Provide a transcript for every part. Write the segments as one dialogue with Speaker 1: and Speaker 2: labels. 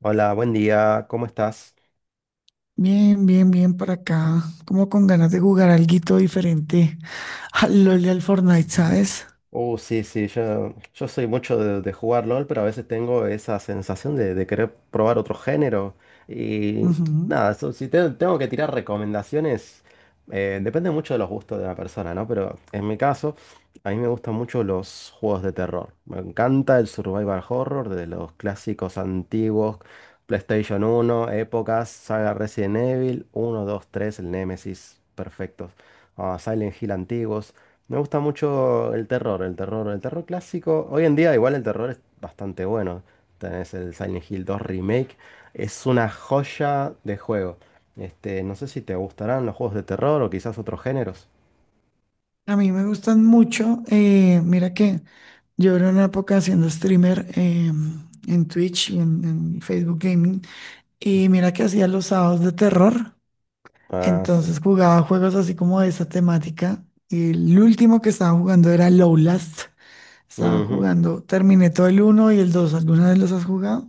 Speaker 1: Hola, buen día, ¿cómo estás?
Speaker 2: Bien, bien, bien para acá. Como con ganas de jugar alguito diferente al LOL y al Fortnite,
Speaker 1: Ujú.
Speaker 2: ¿sabes?
Speaker 1: Sí, sí, yo soy mucho de, jugar LOL, pero a veces tengo esa sensación de querer probar otro género. Y
Speaker 2: Ujú.
Speaker 1: nada, so- si te- tengo que tirar recomendaciones, depende mucho de los gustos de la persona, ¿no? Pero en mi caso, a mí me gustan mucho los juegos de terror. Me encanta el survival horror de los clásicos antiguos, PlayStation uno épocas, saga Resident Evil, uno 2 3 el Nemesis, perfectos. Silent Hill antiguos. Me gusta mucho el terror, el terror, el terror clásico. Hoy en día igual el terror es bastante bueno. Tenés el Silent Hill 2 Remake. Es una joya de juego. Este, no sé si te gustarán los juegos de terror o quizás otros géneros.
Speaker 2: A mí me gustan mucho. Mira que yo era una época haciendo streamer en Twitch y en Facebook Gaming. Y mira que hacía los sábados de terror.
Speaker 1: Ah, sí.
Speaker 2: Entonces jugaba juegos así como de esa temática. Y el último que estaba jugando era Lowlast. Estaba jugando, terminé todo el uno y el 2. ¿Alguna vez los has jugado?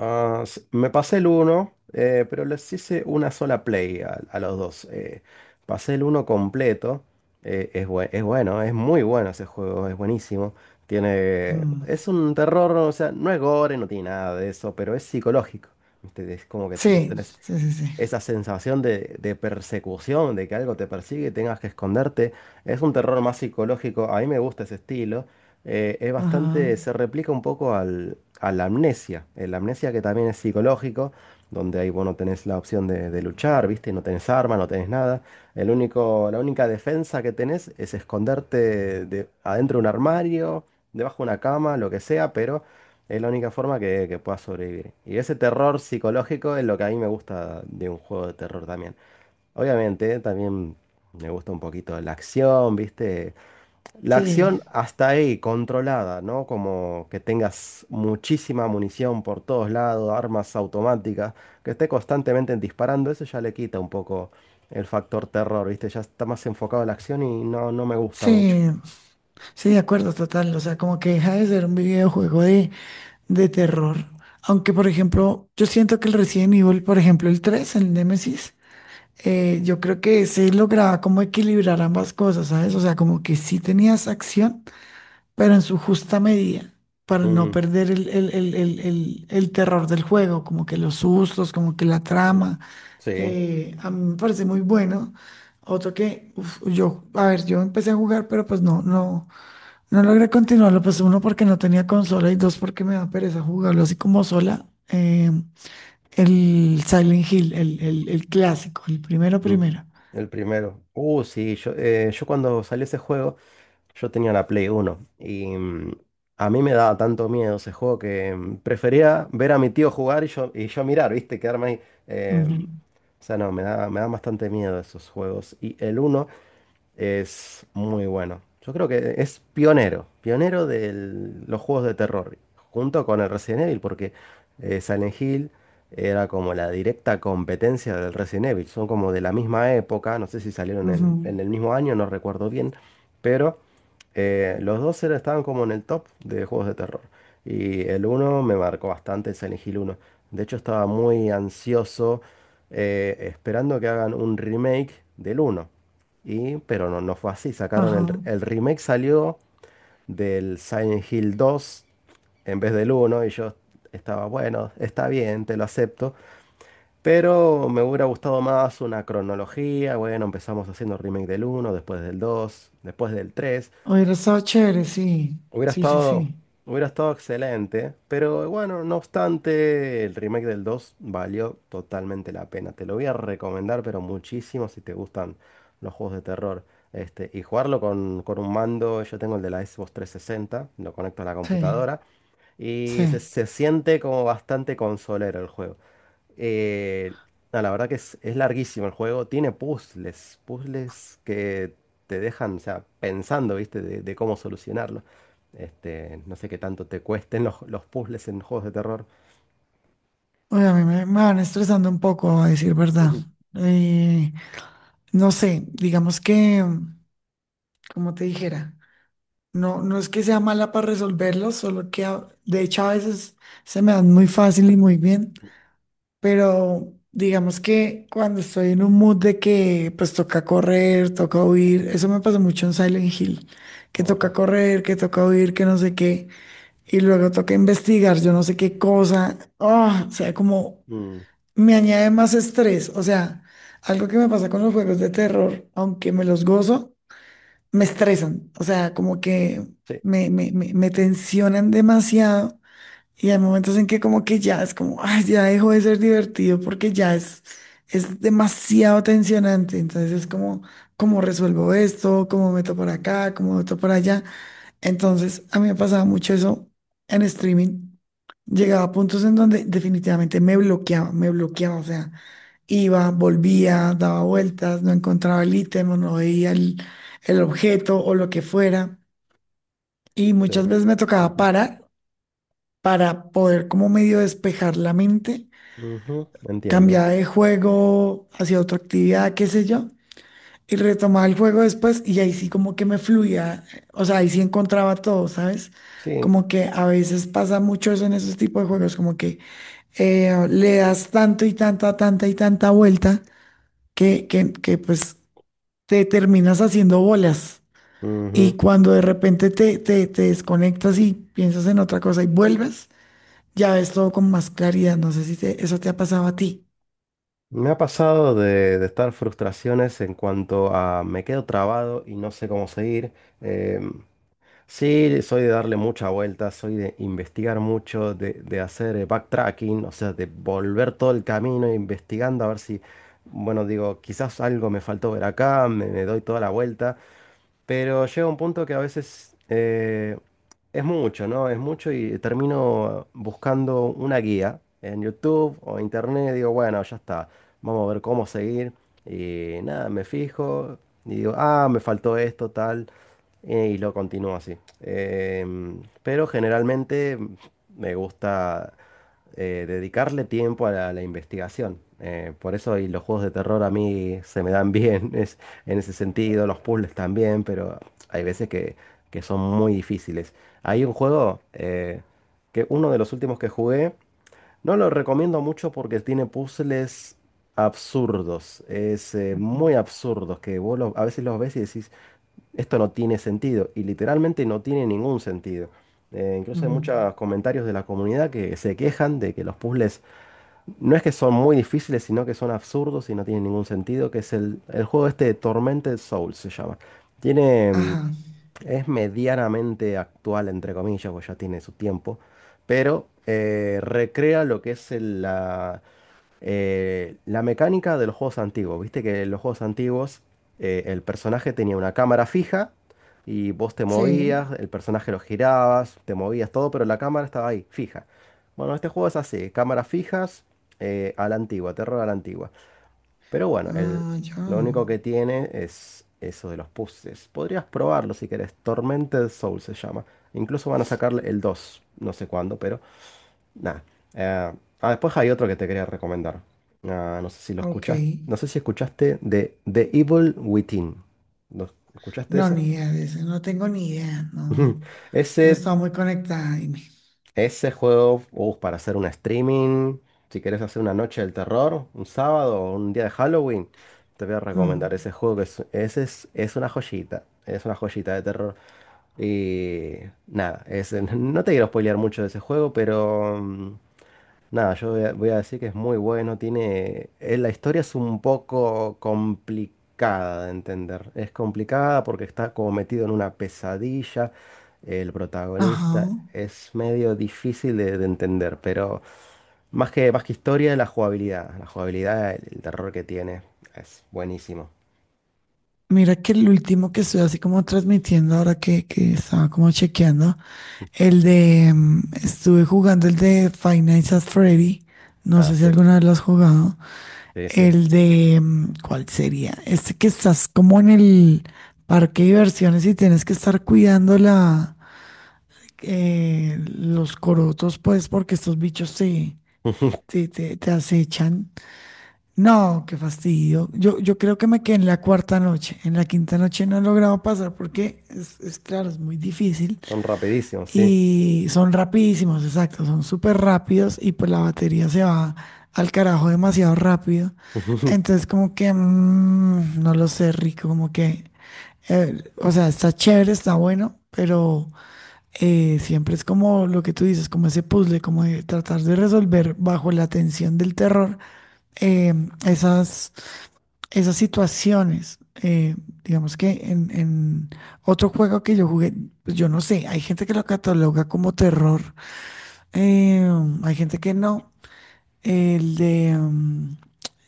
Speaker 1: Me pasé el 1, pero les hice una sola play a los dos. Pasé el uno completo. Es bueno, es muy bueno ese juego, es buenísimo.
Speaker 2: Ujú.
Speaker 1: Es un terror, o sea, no es gore, no tiene nada de eso, pero es psicológico. ¿Viste? Es como que vos
Speaker 2: Sí,
Speaker 1: tenés
Speaker 2: sí, sí, sí.
Speaker 1: esa sensación de, persecución, de que algo te persigue y tengas que esconderte. Es un terror más psicológico, a mí me gusta ese estilo.
Speaker 2: Ajá.
Speaker 1: Se replica un poco al, a la, amnesia, el amnesia que también es psicológico, donde ahí vos no tenés la opción de luchar, ¿viste? No tenés arma, no tenés nada. La única defensa que tenés es esconderte adentro de un armario, debajo de una cama, lo que sea, pero es la única forma que pueda sobrevivir. Y ese terror psicológico es lo que a mí me gusta de un juego de terror también. Obviamente, también me gusta un poquito la acción, ¿viste? La
Speaker 2: Sí,
Speaker 1: acción hasta ahí, controlada, ¿no? Como que tengas muchísima munición por todos lados, armas automáticas, que esté constantemente disparando, eso ya le quita un poco el factor terror, ¿viste? Ya está más enfocado en la acción y no me gusta mucho.
Speaker 2: sí, sí, de acuerdo, total. O sea, como que deja de ser un videojuego de terror. Aunque, por ejemplo, yo siento que el Resident Evil, por ejemplo, el 3, el Nemesis, yo creo que se lograba como equilibrar ambas cosas, ¿sabes? O sea, como que sí tenías acción, pero en su justa medida, para no
Speaker 1: Mm,
Speaker 2: perder el terror del juego, como que los sustos, como que la
Speaker 1: mm.
Speaker 2: trama.
Speaker 1: Sí.
Speaker 2: A mí me parece muy bueno. Otro que, uf, yo, a ver, yo empecé a jugar, pero pues no logré continuarlo. Pues uno porque no tenía consola y dos porque me da pereza jugarlo así como sola. El Silent Hill, el clásico, el primero,
Speaker 1: Mm,
Speaker 2: primero.
Speaker 1: El primero. Sí, yo cuando salió ese juego, yo tenía la Play uno y a mí me daba tanto miedo ese juego que prefería ver a mi tío jugar y yo mirar, ¿viste? Quedarme ahí. eh,
Speaker 2: Ujú,
Speaker 1: o sea, no, me da bastante miedo esos juegos. Y el uno es muy bueno. Yo creo que es pionero, pionero de los juegos de terror, junto con el Resident Evil, porque Silent Hill era como la directa competencia del Resident Evil. Son como de la misma época, no sé si salieron en,
Speaker 2: ujú,
Speaker 1: en el mismo año, no recuerdo bien, pero los dos estaban como en el top de juegos de terror. Y el uno me marcó bastante, el Silent Hill uno. De hecho, estaba muy ansioso esperando que hagan un remake del uno. Pero no fue así. Sacaron
Speaker 2: ajá.
Speaker 1: el remake, salió del Silent Hill 2 en vez del uno. Y yo estaba, bueno, está bien, te lo acepto. Pero me hubiera gustado más una cronología. Bueno, empezamos haciendo remake del uno después del 2 después del tres.
Speaker 2: Hubiera estado chévere, sí.
Speaker 1: Hubiera
Speaker 2: Sí, sí,
Speaker 1: estado,
Speaker 2: sí.
Speaker 1: Hubiera estado excelente, pero bueno, no obstante, el remake del 2 valió totalmente la pena. Te lo voy a recomendar, pero muchísimo si te gustan los juegos de terror. Este, y jugarlo con, un mando, yo tengo el de la Xbox 360, lo conecto a la
Speaker 2: Sí,
Speaker 1: computadora y
Speaker 2: sí.
Speaker 1: se, siente como bastante consolero el juego. Eh, no, la verdad que es larguísimo el juego. Tiene puzzles, puzzles que te dejan, o sea, pensando, ¿viste? de, cómo solucionarlo. Este, no sé qué tanto te cuesten los puzzles en juegos de terror.
Speaker 2: Oye, a mí me van estresando un poco, a decir verdad.
Speaker 1: Ujú.
Speaker 2: Eh, no sé, digamos que. Como te dijera. No, no es que sea mala para resolverlos, solo que de hecho a veces se me dan muy fácil y muy bien, pero digamos que cuando estoy en un mood de que pues toca correr, toca huir, eso me pasó mucho en Silent Hill, que toca
Speaker 1: Ajá.
Speaker 2: correr, que toca huir, que no sé qué, y luego toca investigar, yo no sé qué cosa, ah, o sea, como
Speaker 1: Mm,
Speaker 2: me añade más estrés, o sea, algo que me pasa con los juegos de terror, aunque me los gozo, me estresan, o sea, como que
Speaker 1: sí,
Speaker 2: me tensionan demasiado y hay momentos en que como que ya es como, ay, ya dejó de ser divertido porque ya es demasiado tensionante, entonces es como, ¿cómo resuelvo esto? ¿Cómo meto por acá? ¿Cómo meto por allá? Entonces a mí me pasaba mucho eso en streaming. Llegaba a puntos en donde definitivamente me bloqueaba, o sea. Iba, volvía, daba vueltas, no encontraba el ítem o no veía el objeto o lo que fuera. Y
Speaker 1: sí.
Speaker 2: muchas veces me tocaba
Speaker 1: Ujú,
Speaker 2: parar para poder como medio despejar la mente,
Speaker 1: ujú, entiendo.
Speaker 2: cambiar de juego hacia otra actividad, qué sé yo, y retomaba el juego después y ahí sí como que me fluía, o sea, ahí sí encontraba todo, ¿sabes?
Speaker 1: Sí.
Speaker 2: Como que a veces pasa mucho eso en esos tipos de juegos, como que le das tanto y tanta, tanta y tanta vuelta que, que pues te terminas haciendo bolas. Y
Speaker 1: Ujú.
Speaker 2: cuando de repente te desconectas y piensas en otra cosa y vuelves, ya ves todo con más claridad. No sé si eso te ha pasado a ti.
Speaker 1: Me ha pasado de estar frustraciones en cuanto a me quedo trabado y no sé cómo seguir. Em, Sí, soy de darle mucha vuelta, soy de investigar mucho, de, hacer backtracking, o sea, de volver todo el camino investigando a ver si, bueno, digo, quizás algo me faltó ver acá, me doy toda la vuelta. Pero llega un punto que a veces es mucho, ¿no? Es mucho y termino buscando una guía en YouTube o internet. Digo, bueno, ya está. Vamos a ver cómo seguir. Y nada, me fijo y digo, ah, me faltó esto, tal. Y lo continúo así. Pero generalmente me gusta dedicarle tiempo a la investigación. Por eso y los juegos de terror a mí se me dan bien. En ese sentido, los puzzles también, pero hay veces que son muy difíciles. Hay un juego que uno de los últimos que jugué, no lo recomiendo mucho porque tiene puzzles absurdos, es muy
Speaker 2: Ujú.
Speaker 1: absurdos, que a veces los ves y decís, esto no tiene sentido, y literalmente no tiene ningún sentido. Incluso hay muchos
Speaker 2: Mm.
Speaker 1: comentarios de la comunidad que se quejan de que los puzzles no es que son muy difíciles, sino que son absurdos y no tienen ningún sentido, que es el juego este de Tormented Souls se llama. Tiene, mm,
Speaker 2: Ajá.
Speaker 1: es medianamente actual, entre comillas, pues ya tiene su tiempo, pero recrea lo que es la mecánica de los juegos antiguos. Viste que en los juegos antiguos el personaje tenía una cámara fija y vos te
Speaker 2: Sí.
Speaker 1: movías, el personaje lo girabas, te movías todo, pero la cámara estaba ahí, fija. Bueno, este juego es así, cámaras fijas, a la antigua, terror a la antigua. Pero bueno,
Speaker 2: Ah, ya.
Speaker 1: lo único que tiene es eso de los puzzles. Podrías probarlo si querés. Tormented Soul se llama. Incluso van a sacarle el dos, no sé cuándo, pero... Nada. Eh, Después hay otro que te quería recomendar. Ah, no sé si lo
Speaker 2: Ok.
Speaker 1: escuchaste. No sé si escuchaste de The Evil Within. ¿Lo escuchaste
Speaker 2: No,
Speaker 1: ese?
Speaker 2: ni idea de eso. No tengo ni idea.
Speaker 1: Ujú.
Speaker 2: No, no
Speaker 1: Ese,
Speaker 2: estaba muy conectada. Dime.
Speaker 1: ese juego, para hacer un streaming, si quieres hacer una noche del terror, un sábado o un día de Halloween, te voy a recomendar
Speaker 2: Mm.
Speaker 1: ese juego que es, ese es una joyita de terror. Y nada, no te quiero spoilear mucho de ese juego, pero nada, yo voy a, decir que es muy bueno. Tiene. La historia es un poco complicada de entender. Es complicada porque está como metido en una pesadilla. El protagonista
Speaker 2: Ajá.
Speaker 1: es medio difícil de, entender, pero más que historia, la jugabilidad. La jugabilidad, el terror que tiene es buenísimo.
Speaker 2: Mira que el último que estoy así como transmitiendo ahora que estaba como chequeando. El de, estuve jugando el de Five Nights at Freddy. No
Speaker 1: Ah,
Speaker 2: sé si
Speaker 1: sí,
Speaker 2: alguna vez lo has jugado.
Speaker 1: sí, sí.
Speaker 2: El de, mm, ¿cuál sería? Este que estás como en el parque de diversiones y tienes que estar cuidando la, los corotos, pues, porque estos bichos te, te acechan. No, qué fastidio. Yo creo que me quedé en la cuarta noche. En la quinta noche no he logrado pasar porque es claro, es muy difícil.
Speaker 1: Son rapidísimos, sí.
Speaker 2: Y son rapidísimos, exacto, son súper rápidos y pues la batería se va al carajo demasiado rápido. Entonces como que, mm, no lo sé, rico, como que, o sea, está chévere, está bueno, pero siempre es como lo que tú dices, como ese puzzle, como de tratar de resolver bajo la tensión del terror. eh, Esas, esas situaciones. Digamos que en otro juego que yo jugué, pues yo no sé, hay gente que lo cataloga como terror. Eh, hay gente que no. El de mm,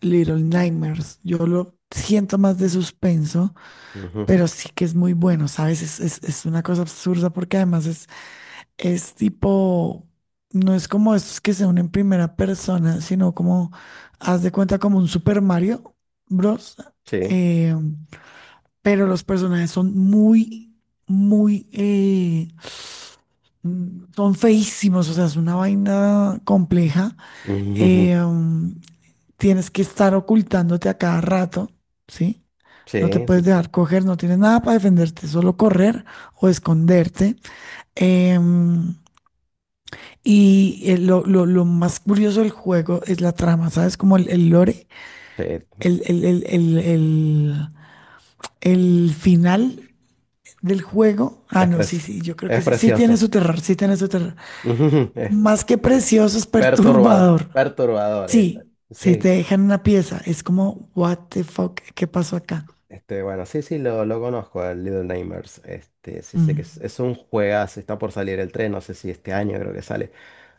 Speaker 2: Little Nightmares. Yo lo siento más de suspenso,
Speaker 1: Ujú,
Speaker 2: pero sí que es muy bueno, ¿sabes? Es, es una cosa absurda porque además es tipo, no es como estos que se unen en primera persona, sino como, haz de cuenta como un Super Mario Bros.
Speaker 1: sí.
Speaker 2: Eh, pero los personajes son muy, muy... Son feísimos, o sea, es una vaina compleja. eh, um, Tienes que estar ocultándote a cada rato, ¿sí? No te
Speaker 1: Sí,
Speaker 2: puedes
Speaker 1: sí, sí.
Speaker 2: dejar coger, no tienes nada para defenderte, solo correr o esconderte. Em, y lo, lo más curioso del juego es la trama, ¿sabes? Como el lore,
Speaker 1: Sí,
Speaker 2: el, el, el, el, el- el final del juego. Ah,
Speaker 1: Es,
Speaker 2: no, sí,
Speaker 1: pres-
Speaker 2: sí, yo creo que
Speaker 1: es
Speaker 2: sí. Sí tiene
Speaker 1: precioso.
Speaker 2: su terror, sí tiene su terror.
Speaker 1: Es
Speaker 2: Más que precioso, es
Speaker 1: perturbado.
Speaker 2: perturbador.
Speaker 1: Perturbador, esa.
Speaker 2: Sí, si te
Speaker 1: Sí,
Speaker 2: dejan una pieza, es como, what the fuck, ¿qué pasó acá?
Speaker 1: este, bueno, sí, sí, lo, conozco, al Little Nightmares. Este, sí sé que
Speaker 2: Mm,
Speaker 1: es un juegazo, está por salir el tren, no sé si este año creo que sale.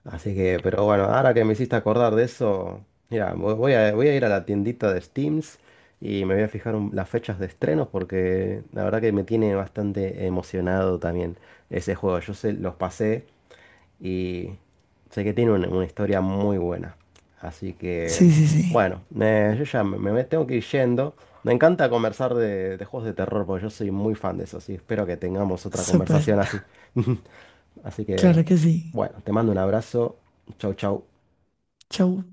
Speaker 1: Así que, pero bueno, ahora que me hiciste acordar de eso, mira, voy a ir a la tiendita de Steams y me voy a fijar las fechas de estreno porque la verdad que me tiene bastante emocionado también ese juego. Yo sé, los pasé. Y sé que tiene una, historia muy buena. Así
Speaker 2: sí,
Speaker 1: que,
Speaker 2: sí, sí,
Speaker 1: bueno, yo ya me, tengo que ir yendo. Me encanta conversar de juegos de terror porque yo soy muy fan de eso. Así espero que tengamos otra
Speaker 2: súper,
Speaker 1: conversación así. Así que,
Speaker 2: claro que sí.
Speaker 1: bueno, te mando un abrazo. Chau, chau.
Speaker 2: Chau.